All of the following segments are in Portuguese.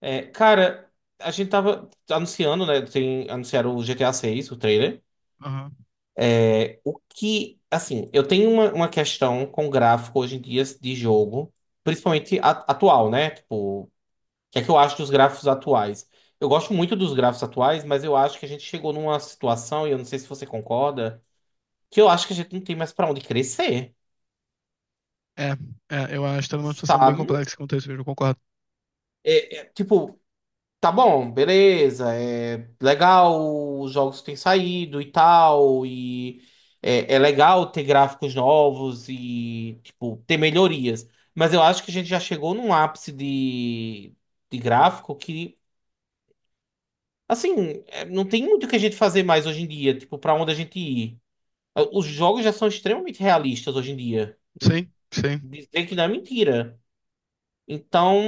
É, cara, a gente tava anunciando, né? Anunciaram o GTA 6, o trailer. Aham. É, o que, assim, eu tenho uma questão com gráfico hoje em dia de jogo, principalmente atual, né? Tipo, o que é que eu acho dos gráficos atuais? Eu gosto muito dos gráficos atuais, mas eu acho que a gente chegou numa situação, e eu não sei se você concorda, que eu acho que a gente não tem mais pra onde crescer, É, eu acho que tá numa situação bem sabe? complexa quanto a isso, eu concordo. Tipo, tá bom, beleza. É legal os jogos que têm saído e tal. E é legal ter gráficos novos e, tipo, ter melhorias. Mas eu acho que a gente já chegou num ápice de gráfico que, assim, é, não tem muito o que a gente fazer mais hoje em dia. Tipo, pra onde a gente ir. Os jogos já são extremamente realistas hoje em dia. Sim, sim. Dizer que não é mentira. Então,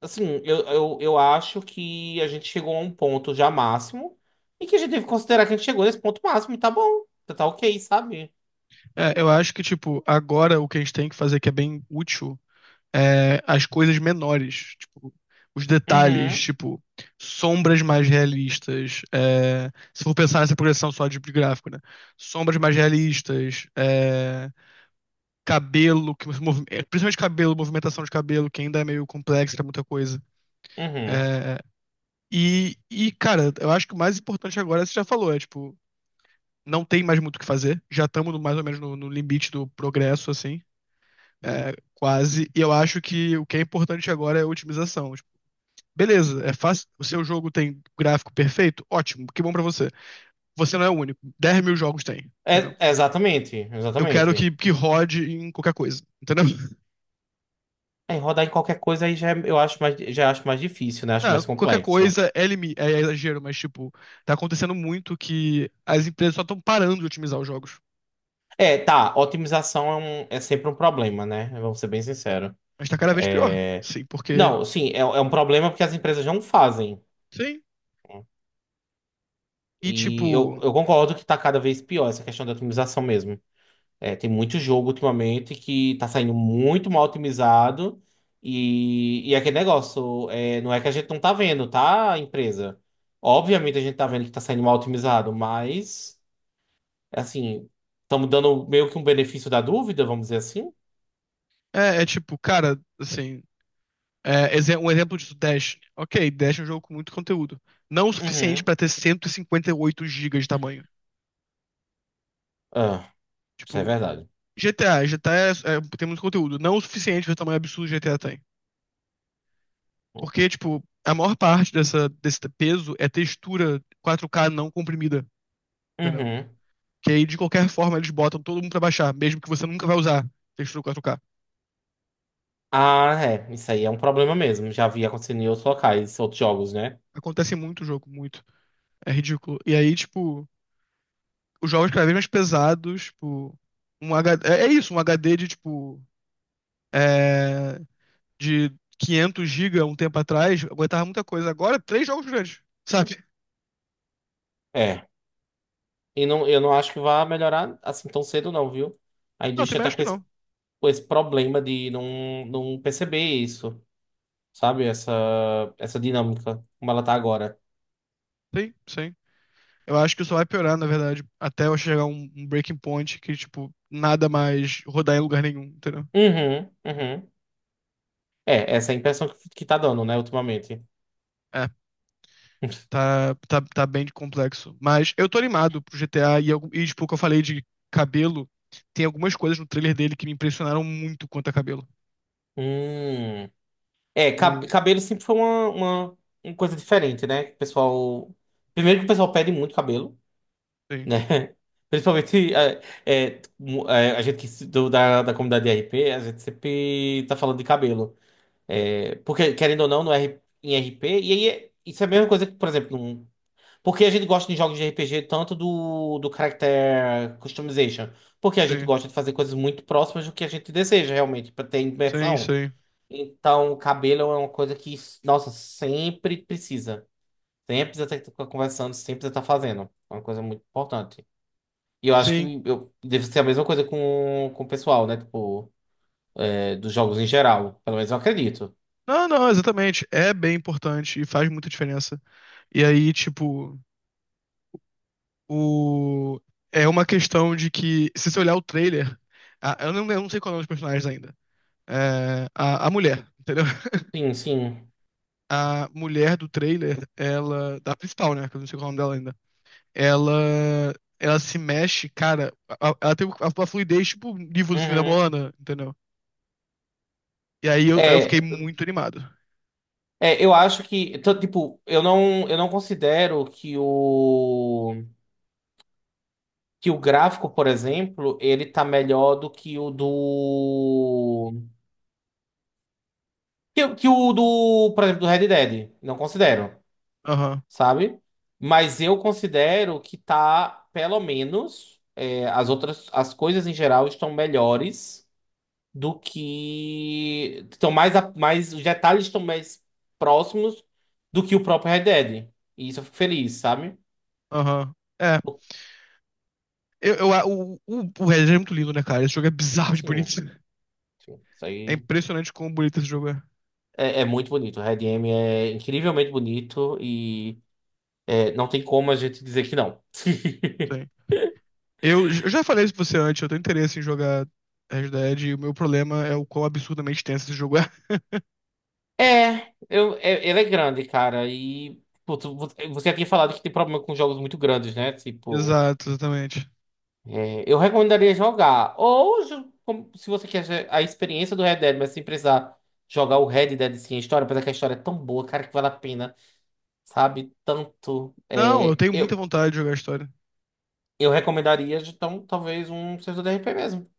assim, eu acho que a gente chegou a um ponto já máximo e que a gente deve considerar que a gente chegou nesse ponto máximo e tá bom, tá ok, sabe? É, eu acho que, tipo, agora o que a gente tem que fazer que é bem útil é as coisas menores, tipo, os detalhes, Uhum, tipo, sombras mais realistas, se for pensar nessa progressão só de gráfico, né? Sombras mais realistas, é, cabelo, que você é, principalmente cabelo, movimentação de cabelo, que ainda é meio complexo pra muita coisa. uhum. É, cara, eu acho que o mais importante agora, você já falou, é, tipo, não tem mais muito o que fazer. Já estamos mais ou menos no limite do progresso, assim. É, quase. E eu acho que o que é importante agora é a otimização. Tipo, beleza, é fácil. O seu jogo tem gráfico perfeito? Ótimo, que bom pra você. Você não é o único. 10.000 jogos tem, entendeu? É, é exatamente, Eu quero exatamente. que rode em qualquer coisa, entendeu? Aí rodar em qualquer coisa aí já eu acho mais, já acho mais difícil, né? Acho Ah, mais qualquer complexo. coisa é, é exagero, mas tipo, tá acontecendo muito que as empresas só estão parando de otimizar os jogos. É, tá, otimização é sempre um problema, né? Vamos ser bem sinceros. Mas tá cada vez pior. É, Sim, porque. Não, sim, é um problema porque as empresas não fazem. Sim. E E tipo, eu concordo que tá cada vez pior essa questão da otimização mesmo. É, tem muito jogo ultimamente que tá saindo muito mal otimizado. E é aquele negócio, é, não é que a gente não tá vendo, tá, empresa? Obviamente a gente tá vendo que tá saindo mal otimizado, mas, assim, estamos dando meio que um benefício da dúvida, vamos dizer assim. É tipo, cara, assim, um exemplo disso, Dash. Ok, Dash é um jogo com muito conteúdo. Não o suficiente Uhum. pra ter cento e cinquenta e oito gigas de tamanho. Ah, isso é Tipo, verdade. GTA tem muito conteúdo. Não o suficiente para o tamanho absurdo que GTA tem. Porque, tipo, a maior parte desse peso é textura 4K não comprimida, entendeu? Uhum. Que aí, de qualquer forma, eles botam todo mundo pra baixar, mesmo que você nunca vai usar textura 4K. Ah, é, isso aí é um problema mesmo. Já vi acontecendo em outros locais, outros jogos, né? Acontece muito o jogo, muito. É ridículo. E aí, tipo, os jogos cada vez mais pesados, tipo, um HD, um HD de tipo é, de 500 GB um tempo atrás, aguentava muita coisa. Agora, três jogos grandes, sabe? É. E não, eu não acho que vá melhorar assim tão cedo, não, viu? A Não, tem indústria tá acho que não. com esse problema de não perceber isso, sabe? Essa dinâmica, como ela tá agora. Sim, sim. Eu acho que isso vai piorar, na verdade, até eu chegar a um breaking point que, tipo, nada mais rodar em lugar nenhum, entendeu? Uhum, uhum. É, essa é a impressão que tá dando, né, ultimamente. É, tá bem complexo. Mas eu tô animado pro GTA e tipo, o que eu falei de cabelo, tem algumas coisas no trailer dele que me impressionaram muito quanto a cabelo. Hum. É, O, cabelo sempre foi uma coisa diferente, né? Que o pessoal. Primeiro que o pessoal pede muito cabelo, sim. né? Principalmente a gente que se- do- da, da comunidade de RP, a gente sempre tá falando de cabelo. É, porque, querendo ou não, no R, em R P e isso é a mesma coisa que, por exemplo, porque a gente gosta de jogos de R P G tanto do character customization, porque a gente Sim, gosta de fazer coisas muito próximas do que a gente deseja realmente, para ter sim, imersão. sim. Então, o cabelo é uma coisa que, nossa, sempre precisa. Sempre precisa estar conversando, sempre precisa estar fazendo. É uma coisa muito importante. E eu acho Sim. Deve ser a mesma coisa com o pessoal, né? Tipo, é, dos jogos em geral. Pelo menos eu acredito. Não, não, exatamente. É bem importante e faz muita diferença. E aí, tipo, o... é uma questão de que, se você olhar o trailer, eu eu não sei qual é o nome dos personagens ainda. É, a mulher, entendeu? Sim, sim. A mulher do trailer, ela. Da principal, né? Que eu não sei qual é o nome dela ainda. Ela. Ela se mexe, cara. Ela tem uma fluidez, tipo, nível do filme da Uhum. Moana, entendeu? E aí eu fiquei É, muito animado. Eu acho que, tô, tipo, eu não considero que o gráfico, por exemplo, ele tá melhor do que o por exemplo, do Red Dead. Não considero, Aham, sabe? Mas eu considero que tá, pelo menos, é, as outras, as coisas em geral estão melhores do que estão mais, mais, os detalhes estão mais próximos do que o próprio Red Dead. E isso eu fico feliz, sabe? aham. É. O Red Dead é muito lindo, né, cara? Esse jogo é bizarro de Sim, bonito. sim. Isso É aí impressionante como bonito esse jogo é. é, é muito bonito. O Red M é incrivelmente bonito e é, não tem como a gente dizer que não. Sim. Eu já falei isso pra você antes, eu tenho interesse em jogar Red Dead e o meu problema é o quão absurdamente tenso esse jogo é. É, eu, ele é grande, cara. E putz, você tinha falado que tem problema com jogos muito grandes, né? Tipo, Exato, exatamente. é, eu recomendaria jogar. Ou se você quer a experiência do Red Dead, mas sem precisar jogar o Red Dead sem a história, apesar que a história é tão boa, cara, que vale a pena, sabe? Tanto. Não, eu tenho muita vontade de jogar a história. Eu recomendaria, então, talvez um servidor de RP mesmo.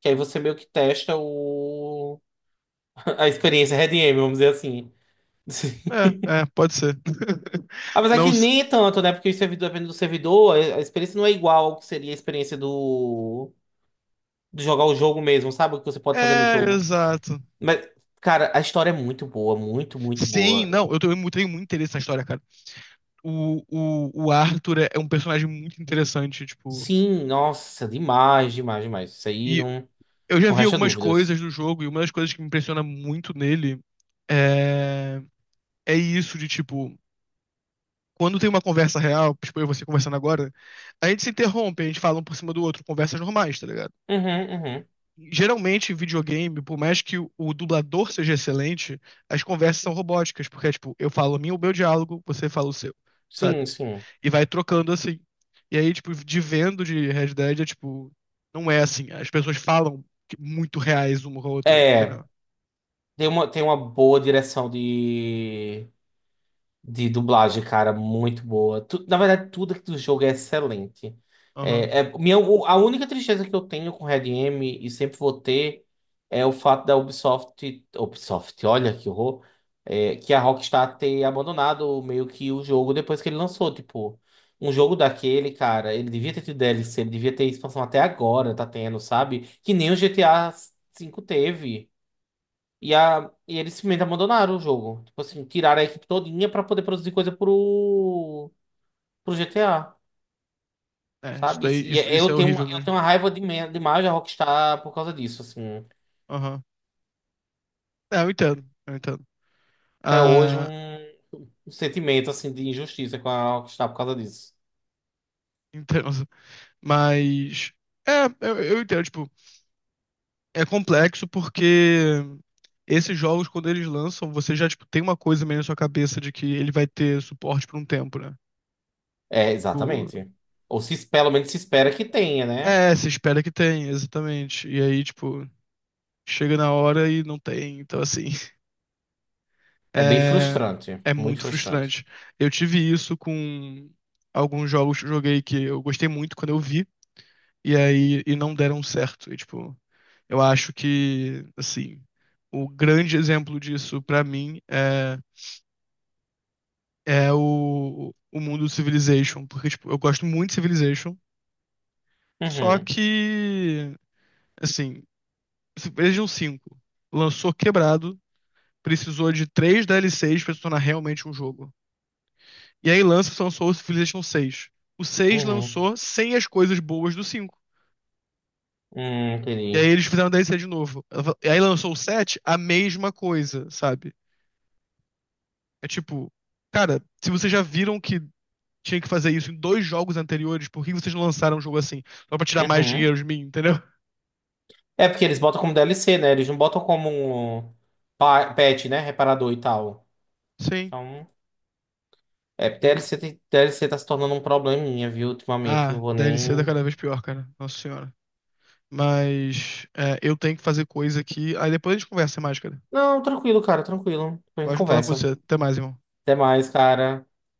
Que aí você meio que testa o... a experiência Red M, vamos dizer assim. É, é, pode ser. Apesar Não. que s- nem é tanto, né? Porque o servidor, dependendo do servidor, a experiência não é igual ao que seria a experiência do... de jogar o jogo mesmo, sabe? O que você pode fazer no É, jogo. exato. Mas, cara, a história é muito boa, muito, muito Sim, boa. não, eu tenho, tenho muito interesse na história, cara. O Arthur é um personagem muito interessante, tipo. Sim, nossa, demais, demais, demais. Isso aí E não, eu já não vi resta algumas coisas dúvidas. do jogo e uma das coisas que me impressiona muito nele é, é isso de tipo, quando tem uma conversa real, tipo eu e você conversando agora, a gente se interrompe, a gente fala um por cima do outro, conversas normais, tá ligado? Uhum, uhum. Geralmente, em videogame, por mais que o dublador seja excelente, as conversas são robóticas, porque é tipo, eu falo o meu diálogo, você fala o seu, sabe? Sim, sim. E vai trocando assim. E aí, tipo, de vendo de Red Dead é tipo, não é assim, as pessoas falam muito reais uma com a outra, entendeu? É. Tem uma boa direção de dublagem, cara, muito boa. Na verdade, tudo aqui do jogo é excelente. Aham. A única tristeza que eu tenho com Red M, e sempre vou ter, é o fato da Ubisoft, Ubisoft, olha que horror, é, que a Rockstar ter abandonado meio que o jogo depois que ele lançou. Tipo, um jogo daquele, cara, ele devia ter tido DLC, ele devia ter expansão até agora, tá tendo, sabe? Que nem o GTA V teve. E eles simplesmente abandonaram o jogo. Tipo assim, tiraram a equipe todinha pra poder produzir coisa pro GTA, É, sabe? E isso é eu tenho, horrível eu mesmo. tenho uma raiva demais da Rockstar por causa disso, assim. Aham. É, eu entendo, eu entendo. Até hoje Ah, um sentimento, assim, de injustiça com a Rockstar por causa disso. entendo. Mas. É, eu entendo, tipo, é complexo porque esses jogos, quando eles lançam, você já, tipo, tem uma coisa meio na sua cabeça de que ele vai ter suporte por um tempo, né? É, Tipo, exatamente. Ou se, pelo menos se espera que tenha, né? é, se espera que tenha, exatamente. E aí, tipo, chega na hora e não tem. Então, assim, É bem é, frustrante. é Muito muito frustrante. frustrante. Eu tive isso com alguns jogos que eu joguei que eu gostei muito quando eu vi. E aí, e não deram certo. E, tipo, eu acho que, assim, o grande exemplo disso pra mim é, é o mundo do Civilization. Porque, tipo, eu gosto muito de Civilization, só Uhum, que, assim, Civilization 5 lançou quebrado, precisou de 3 DLCs pra se tornar realmente um jogo. E aí lançou o Civilization 6. O 6 uhum. lançou sem as coisas boas do 5. E aí Entendi. eles fizeram DLC de novo. E aí lançou o 7, a mesma coisa, sabe? É tipo, cara, se vocês já viram que tinha que fazer isso em 2 jogos anteriores, por que vocês não lançaram um jogo assim? Só pra tirar mais Uhum. dinheiro de mim, entendeu? É porque eles botam como DLC, né? Eles não botam como um patch, né? Reparador e tal. Sim, Então, é, sim. DLC tá se tornando um probleminha, viu, ultimamente. Ah, Não vou DLC tá nem. cada vez pior, cara. Nossa senhora. Mas é, eu tenho que fazer coisa aqui. Aí depois a gente conversa mais, cara. Não, tranquilo, cara, tranquilo. Depois a gente Pode falar com você. conversa. Até mais, irmão. Até mais, cara.